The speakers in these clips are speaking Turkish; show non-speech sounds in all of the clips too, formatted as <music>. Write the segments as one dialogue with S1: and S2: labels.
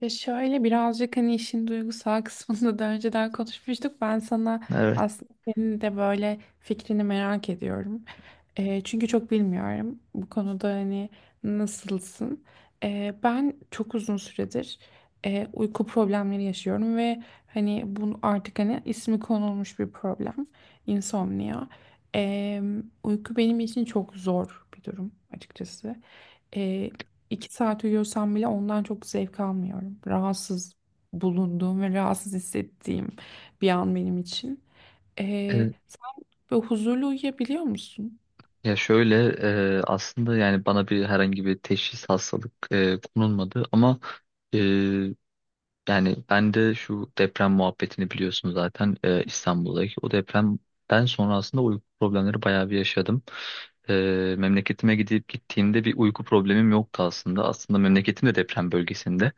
S1: Ya şöyle birazcık hani işin duygusal <laughs> kısmında da önceden konuşmuştuk. Ben sana
S2: Evet.
S1: aslında senin de böyle fikrini merak ediyorum. Çünkü çok bilmiyorum bu konuda hani nasılsın. Ben çok uzun süredir uyku problemleri yaşıyorum ve hani bunu artık hani ismi konulmuş bir problem. Insomnia. Eee, Uyku benim için çok zor bir durum açıkçası. İki saat uyuyorsam bile ondan çok zevk almıyorum. Rahatsız bulunduğum ve rahatsız hissettiğim bir an benim için.
S2: E,
S1: Sen böyle huzurlu uyuyabiliyor musun?
S2: ya şöyle aslında yani bana bir herhangi bir teşhis hastalık konulmadı ama e, yani ben de şu deprem muhabbetini biliyorsun zaten İstanbul'daki. O depremden sonra aslında uyku problemleri bayağı bir yaşadım. Memleketime gidip gittiğimde bir uyku problemim yoktu aslında. Aslında memleketim de deprem bölgesinde.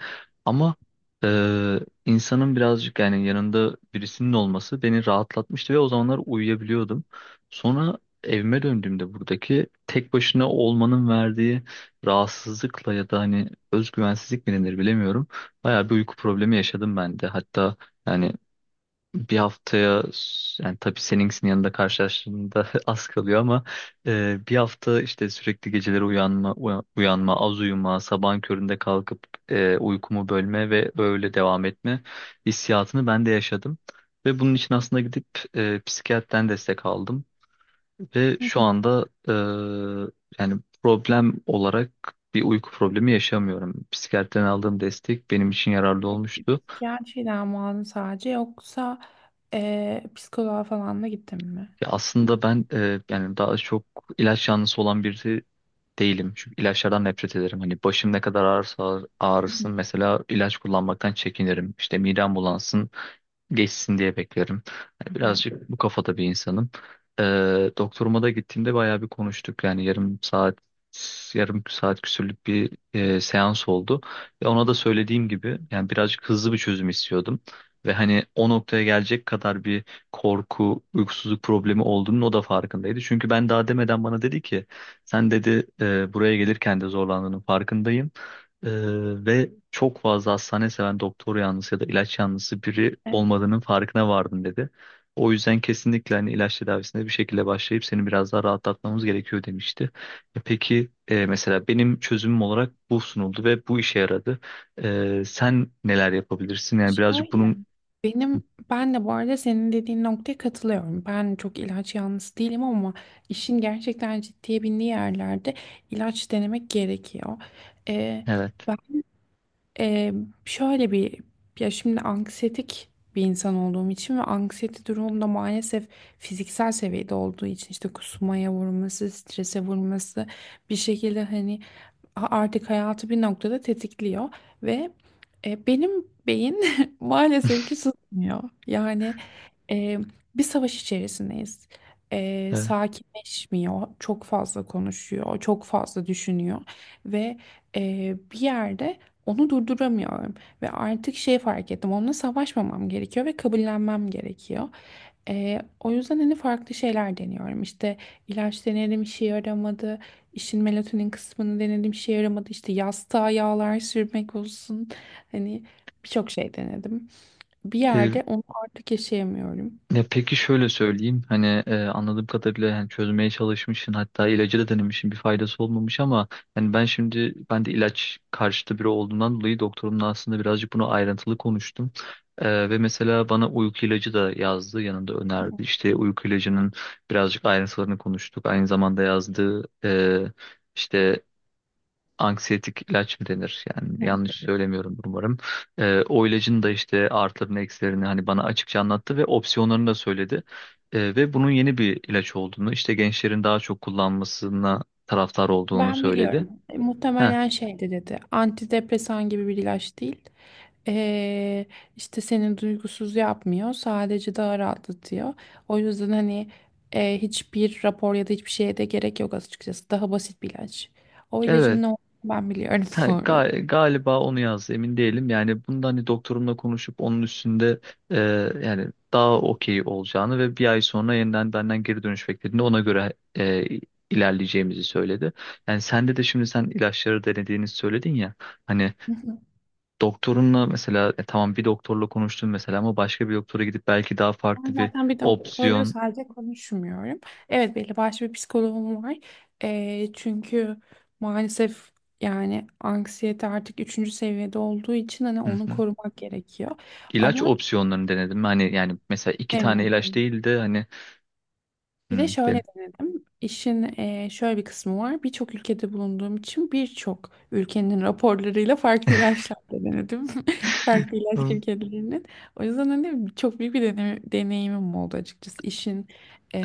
S2: Ama e, insanın birazcık yani yanında birisinin olması beni rahatlatmıştı ve o zamanlar uyuyabiliyordum. Sonra evime döndüğümde buradaki tek başına olmanın verdiği rahatsızlıkla ya da hani özgüvensizlik mi denir bilemiyorum. Bayağı bir uyku problemi yaşadım ben de. Hatta yani bir haftaya yani tabii seninkisinin yanında karşılaştığımda <laughs> az kalıyor ama bir hafta işte sürekli geceleri uyanma, uyanma, az uyuma, sabahın köründe kalkıp uykumu bölme ve öyle devam etme hissiyatını ben de yaşadım. Ve bunun için aslında gidip psikiyatriden destek aldım. Ve
S1: Hı
S2: şu
S1: hı.
S2: anda yani problem olarak bir uyku problemi yaşamıyorum. Psikiyatriden aldığım destek benim için yararlı olmuştu.
S1: Psikiyatri dermanı sadece yoksa psikoloğa falan da gittin mi?
S2: Ya aslında ben yani daha çok ilaç yanlısı olan birisi değilim. Çünkü ilaçlardan nefret ederim. Hani başım ne kadar ağrırsa
S1: Hı
S2: ağrısın
S1: hı.
S2: mesela ilaç kullanmaktan çekinirim. İşte midem bulansın geçsin diye beklerim. Yani
S1: Evet.
S2: birazcık bu kafada bir insanım. Doktoruma da gittiğimde bayağı bir konuştuk. Yani yarım saat küsürlük bir seans oldu. Ve ona da söylediğim gibi yani birazcık hızlı bir çözüm istiyordum. Ve hani o noktaya gelecek kadar bir korku, uykusuzluk problemi olduğunun o da farkındaydı. Çünkü ben daha demeden bana dedi ki sen dedi buraya gelirken de zorlandığının farkındayım. Ee, ve çok fazla hastane seven doktor yanlısı ya da ilaç yanlısı biri
S1: E,
S2: olmadığının farkına vardım" dedi. O yüzden kesinlikle hani ilaç tedavisine bir şekilde başlayıp seni biraz daha rahatlatmamız gerekiyor demişti. Mesela benim çözümüm olarak bu sunuldu ve bu işe yaradı. Sen neler yapabilirsin? Yani birazcık
S1: Şöyle.
S2: bunun
S1: Benim ben de bu arada senin dediğin noktaya katılıyorum. Ben çok ilaç yanlısı değilim ama işin gerçekten ciddiye bindiği yerlerde ilaç denemek gerekiyor. E,
S2: evet.
S1: Ee, şöyle bir Ya şimdi anksiyetik bir insan olduğum için ve anksiyete durumum da maalesef fiziksel seviyede olduğu için işte kusmaya vurması, strese vurması bir şekilde hani artık hayatı bir noktada tetikliyor ve benim beyin <laughs> maalesef ki susmuyor. E, Bir savaş içerisindeyiz. E,
S2: <laughs>
S1: sakinleşmiyor, çok fazla konuşuyor, çok fazla düşünüyor ve bir yerde onu durduramıyorum ve artık şey fark ettim, onunla savaşmamam gerekiyor ve kabullenmem gerekiyor. E, o yüzden hani farklı şeyler deniyorum. İşte ilaç denedim, işe yaramadı. İşin melatonin kısmını denedim, işe yaramadı. İşte yastığa yağlar sürmek olsun. Hani birçok şey denedim. Bir
S2: Evet.
S1: yerde onu artık yaşayamıyorum.
S2: Ya peki şöyle söyleyeyim hani anladığım kadarıyla yani çözmeye çalışmışsın hatta ilacı da denemişsin bir faydası olmamış ama ben de ilaç karşıtı biri olduğundan dolayı doktorumla aslında birazcık bunu ayrıntılı konuştum. Ve mesela bana uyku ilacı da yazdı yanında
S1: Hı
S2: önerdi, işte uyku ilacının birazcık ayrıntılarını konuştuk. Aynı zamanda yazdığı işte anksiyetik ilaç mı denir? Yani
S1: hı.
S2: yanlış Evet. söylemiyorum umarım. O ilacın da işte artılarını eksilerini hani bana açıkça anlattı ve opsiyonlarını da söyledi. Ve bunun yeni bir ilaç olduğunu, işte gençlerin daha çok kullanmasına taraftar olduğunu
S1: Ben
S2: söyledi.
S1: biliyorum. E,
S2: Heh,
S1: muhtemelen şeydi dedi. Antidepresan gibi bir ilaç değil. Ee, işte seni duygusuz yapmıyor. Sadece daha rahatlatıyor. O yüzden hani hiçbir rapor ya da hiçbir şeye de gerek yok açıkçası. Daha basit bir ilaç. O
S2: evet.
S1: ilacın ne olduğunu ben biliyorum <laughs>
S2: Ha,
S1: bu arada.
S2: galiba onu yazdı, emin değilim. Yani bunda hani doktorumla konuşup onun üstünde e, yani daha okey olacağını ve bir ay sonra yeniden benden geri dönüş beklediğinde ona göre e, ilerleyeceğimizi söyledi. Yani sende de şimdi sen ilaçları denediğini söyledin ya. Hani doktorunla mesela tamam bir doktorla konuştun mesela ama başka bir doktora gidip belki daha
S1: Ben
S2: farklı bir
S1: zaten bir doktorla
S2: opsiyon.
S1: sadece konuşmuyorum. Evet, belli başlı bir psikoloğum var. Çünkü maalesef yani anksiyete artık üçüncü seviyede olduğu için hani
S2: Hı
S1: onu
S2: hı.
S1: korumak gerekiyor.
S2: ilaç
S1: Ama
S2: opsiyonlarını denedim. Hani yani mesela iki tane ilaç
S1: sevmedim.
S2: değil de hani
S1: Bir de
S2: hı,
S1: şöyle
S2: den-
S1: denedim. İşin şöyle bir kısmı var. Birçok ülkede bulunduğum için birçok ülkenin raporlarıyla farklı ilaçlar da denedim. <laughs> Farklı ilaç
S2: <laughs>
S1: şirketlerinin. O yüzden hani çok büyük bir deneyimim oldu açıkçası. İşin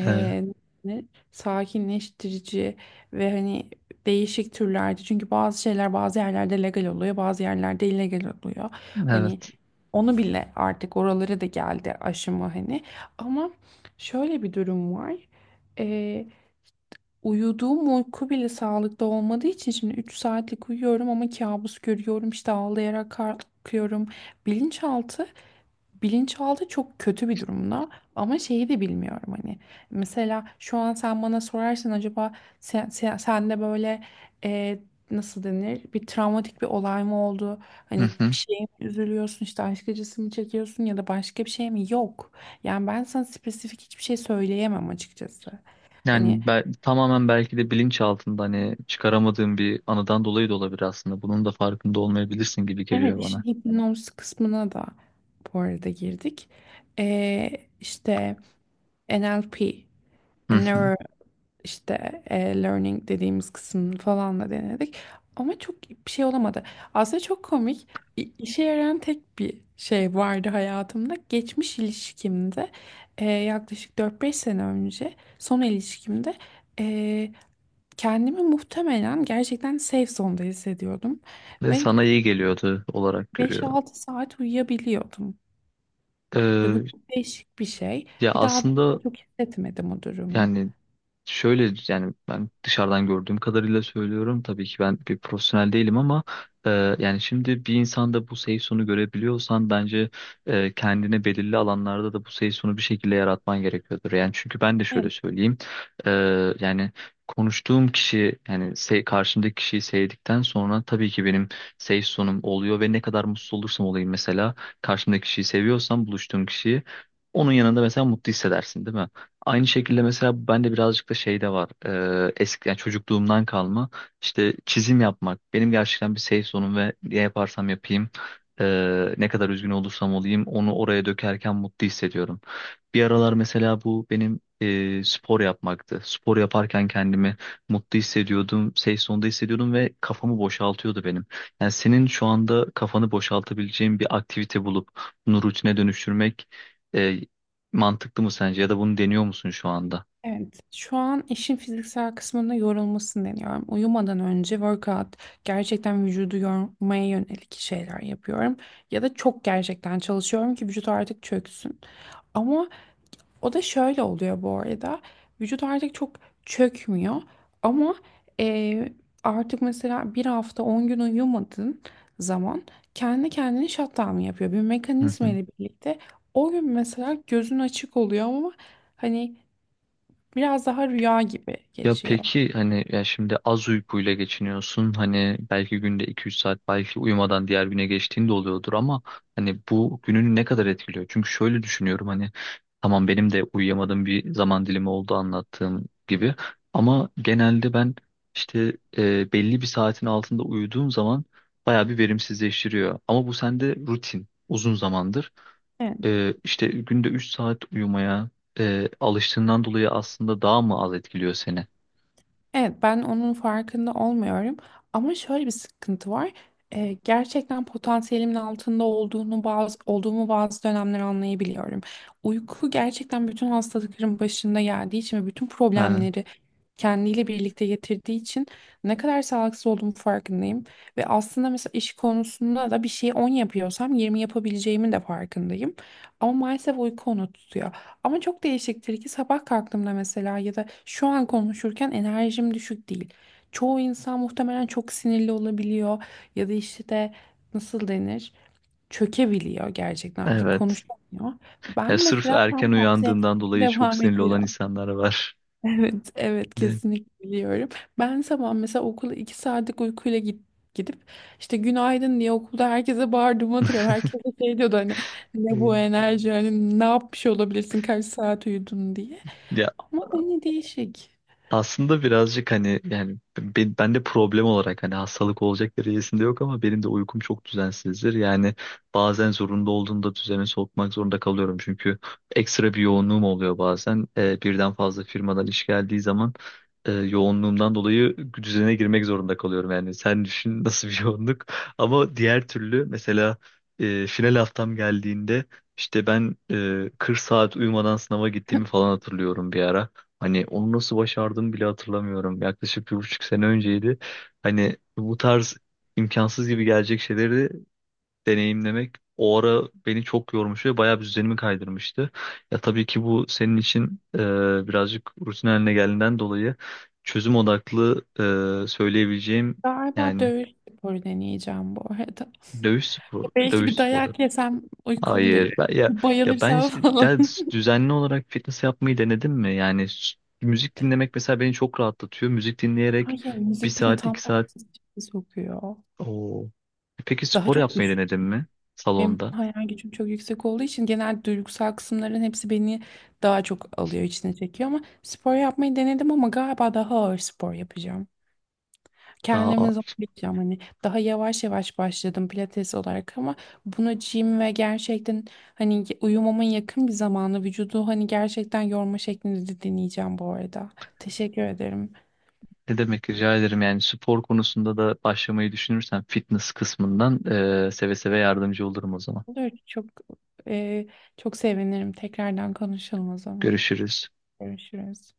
S2: Hı.
S1: ne- sakinleştirici ve hani değişik türlerde. Çünkü bazı şeyler bazı yerlerde legal oluyor, bazı yerlerde illegal oluyor. Hani
S2: Evet.
S1: onu bile artık oralara da geldi aşımı hani. Ama şöyle bir durum var. Ee, Uyuduğum uyku bile sağlıklı olmadığı için şimdi 3 saatlik uyuyorum ama kabus görüyorum işte ağlayarak kalkıyorum. Bilinçaltı, bilinçaltı çok kötü bir durumda ama şeyi de bilmiyorum hani. Mesela şu an sen bana sorarsan acaba sende böyle e, nasıl denir bir travmatik bir olay mı oldu?
S2: Hı
S1: Hani
S2: hı.
S1: bir şeye mi üzülüyorsun işte aşk acısı mı çekiyorsun ya da başka bir şey mi? Yok. Yani ben sana spesifik hiçbir şey söyleyemem açıkçası. Hani
S2: Tamamen belki de bilinç altında hani çıkaramadığım bir anıdan dolayı da olabilir aslında. Bunun da farkında olmayabilirsin gibi
S1: evet,
S2: geliyor
S1: işin
S2: bana.
S1: hipnoz kısmına da bu arada girdik. Ee, işte NLP,
S2: Hı hı.
S1: Neuro işte Learning dediğimiz kısmını falan da denedik. Ama çok bir şey olamadı. Aslında çok komik. İşe yarayan tek bir şey vardı hayatımda. Geçmiş ilişkimde yaklaşık 4 5 sene önce son ilişkimde e, kendimi muhtemelen gerçekten safe zone'da hissediyordum.
S2: Ve
S1: Ve
S2: sana iyi geliyordu olarak
S1: Beş
S2: görüyorum.
S1: altı saat uyuyabiliyordum. Ya bu
S2: Ee,
S1: çok değişik bir şey.
S2: ya
S1: Bir daha da
S2: aslında
S1: çok hissetmedim o durumu.
S2: yani Şöyle, yani ben dışarıdan gördüğüm kadarıyla söylüyorum. Tabii ki ben bir profesyonel değilim ama e, yani şimdi bir insanda bu safe zone'u görebiliyorsan bence kendine belirli alanlarda da bu safe zone'u bir şekilde yaratman gerekiyordur. Yani çünkü ben de şöyle
S1: Evet,
S2: söyleyeyim. E, Yani konuştuğum kişi, yani karşımdaki kişiyi sevdikten sonra tabii ki benim safe zone'um oluyor ve ne kadar mutsuz olursam olayım mesela karşımdaki kişiyi seviyorsam, buluştuğum kişiyi, onun yanında mesela mutlu hissedersin değil mi? Aynı şekilde mesela bende birazcık da şey de var. Eski yani çocukluğumdan kalma işte çizim yapmak. Benim gerçekten bir safe zone'um ve ne yaparsam yapayım ne kadar üzgün olursam olayım onu oraya dökerken mutlu hissediyorum. Bir aralar mesela bu benim spor yapmaktı. Spor yaparken kendimi mutlu hissediyordum, safe zone'da hissediyordum ve kafamı boşaltıyordu benim. Yani senin şu anda kafanı boşaltabileceğin bir aktivite bulup bunu rutine dönüştürmek e, mantıklı mı sence ya da bunu deniyor musun şu anda?
S1: evet. Şu an işin fiziksel kısmında yorulmasını deniyorum. Uyumadan önce workout, gerçekten vücudu yormaya yönelik şeyler yapıyorum. Ya da çok gerçekten çalışıyorum ki vücut artık çöksün. Ama O da şöyle oluyor bu arada. Vücut artık çok çökmüyor ama e, artık mesela 1 hafta 10 gün uyumadığın zaman kendi kendine shutdown yapıyor. Bir
S2: Hı
S1: mekanizma
S2: hı.
S1: ile birlikte o gün mesela gözün açık oluyor ama hani biraz daha rüya gibi
S2: Ya
S1: geçiyor.
S2: peki hani ya şimdi az uykuyla geçiniyorsun, hani belki günde 2-3 saat, belki uyumadan diğer güne geçtiğin de oluyordur ama hani bu gününü ne kadar etkiliyor? Çünkü şöyle düşünüyorum hani tamam benim de uyuyamadığım bir zaman dilimi oldu anlattığım gibi ama genelde ben işte belli bir saatin altında uyuduğum zaman bayağı bir verimsizleştiriyor ama bu sende rutin uzun zamandır.
S1: Evet.
S2: İşte günde 3 saat uyumaya alıştığından dolayı aslında daha mı az etkiliyor seni?
S1: Evet, ben onun farkında olmuyorum. Ama şöyle bir sıkıntı var. Gerçekten potansiyelimin altında olduğunu bazı olduğumu bazı dönemler anlayabiliyorum. Uyku gerçekten bütün hastalıkların başında geldiği için ve bütün
S2: Ha,
S1: problemleri kendiyle birlikte getirdiği için ne kadar sağlıksız olduğumu farkındayım. Ve aslında mesela iş konusunda da bir şeyi 10 yapıyorsam 20 yapabileceğimin de farkındayım. Ama maalesef uyku onu tutuyor. Ama çok değişiktir ki sabah kalktığımda mesela ya da şu an konuşurken enerjim düşük değil. Çoğu insan muhtemelen çok sinirli olabiliyor ya da işte de nasıl denir çökebiliyor gerçekten artık
S2: evet.
S1: konuşamıyor.
S2: Ya
S1: Ben
S2: sırf
S1: mesela tam
S2: erken
S1: tersi
S2: uyandığından
S1: <laughs>
S2: dolayı çok
S1: devam
S2: sinirli olan
S1: ediyorum.
S2: insanlar var.
S1: Evet, evet,
S2: Evet.
S1: kesinlikle biliyorum. Ben sabah mesela okula 2 saatlik uykuyla gidip işte günaydın diye okulda herkese bağırdığımı hatırlıyorum. Herkes de şey diyordu hani ne bu
S2: Hmm.
S1: enerji hani ne yapmış olabilirsin kaç saat uyudun diye.
S2: Ya
S1: Ama yine değişik.
S2: aslında birazcık hani yani ben de problem olarak hani hastalık olacak derecesinde yok ama benim de uykum çok düzensizdir. Yani bazen zorunda olduğumda düzene sokmak zorunda kalıyorum. Çünkü ekstra bir yoğunluğum oluyor bazen. Birden fazla firmadan iş geldiği zaman yoğunluğumdan dolayı düzene girmek zorunda kalıyorum. Yani sen düşün <laughs> nasıl bir yoğunluk. Ama diğer türlü mesela final haftam geldiğinde işte ben 40 saat uyumadan sınava gittiğimi
S1: <laughs>
S2: falan hatırlıyorum bir ara. Hani onu nasıl başardığımı bile hatırlamıyorum. Yaklaşık 1,5 sene önceydi. Hani bu tarz imkansız gibi gelecek şeyleri deneyimlemek o ara beni çok yormuş ve bayağı bir düzenimi kaydırmıştı. Ya tabii ki bu senin için birazcık rutin haline geldiğinden dolayı çözüm odaklı söyleyebileceğim
S1: Galiba
S2: yani
S1: dövüş sporu deneyeceğim bu arada. Belki
S2: dövüş
S1: bir
S2: sporları.
S1: dayak yesem uykum
S2: Hayır.
S1: gelir.
S2: Ben, ya, ya ben
S1: Bayılırsam
S2: ş-
S1: falan.
S2: ya
S1: <laughs>
S2: düzenli olarak fitness yapmayı denedim mi? Müzik dinlemek mesela beni çok rahatlatıyor. Müzik dinleyerek
S1: Hayır,
S2: bir
S1: müzik beni
S2: saat,
S1: tam
S2: iki saat.
S1: tersi sokuyor.
S2: Oo. Peki
S1: Daha
S2: spor
S1: çok
S2: yapmayı denedin mi?
S1: Benim
S2: Salonda.
S1: hayal gücüm çok yüksek olduğu için genel duygusal kısımların hepsi beni daha çok alıyor, içine çekiyor ama spor yapmayı denedim ama galiba daha ağır spor yapacağım.
S2: Daha
S1: Kendimi zorlayacağım hani daha yavaş yavaş başladım pilates olarak ama bunu gym ve gerçekten hani uyumamın yakın bir zamanı vücudu hani gerçekten yorma şeklinde de deneyeceğim bu arada. Teşekkür ederim.
S2: ne demek, rica ederim. Yani spor konusunda da başlamayı düşünürsen fitness kısmından seve seve yardımcı olurum o zaman.
S1: Olur, çok e, çok sevinirim. Tekrardan konuşalım o zaman.
S2: Görüşürüz.
S1: Görüşürüz.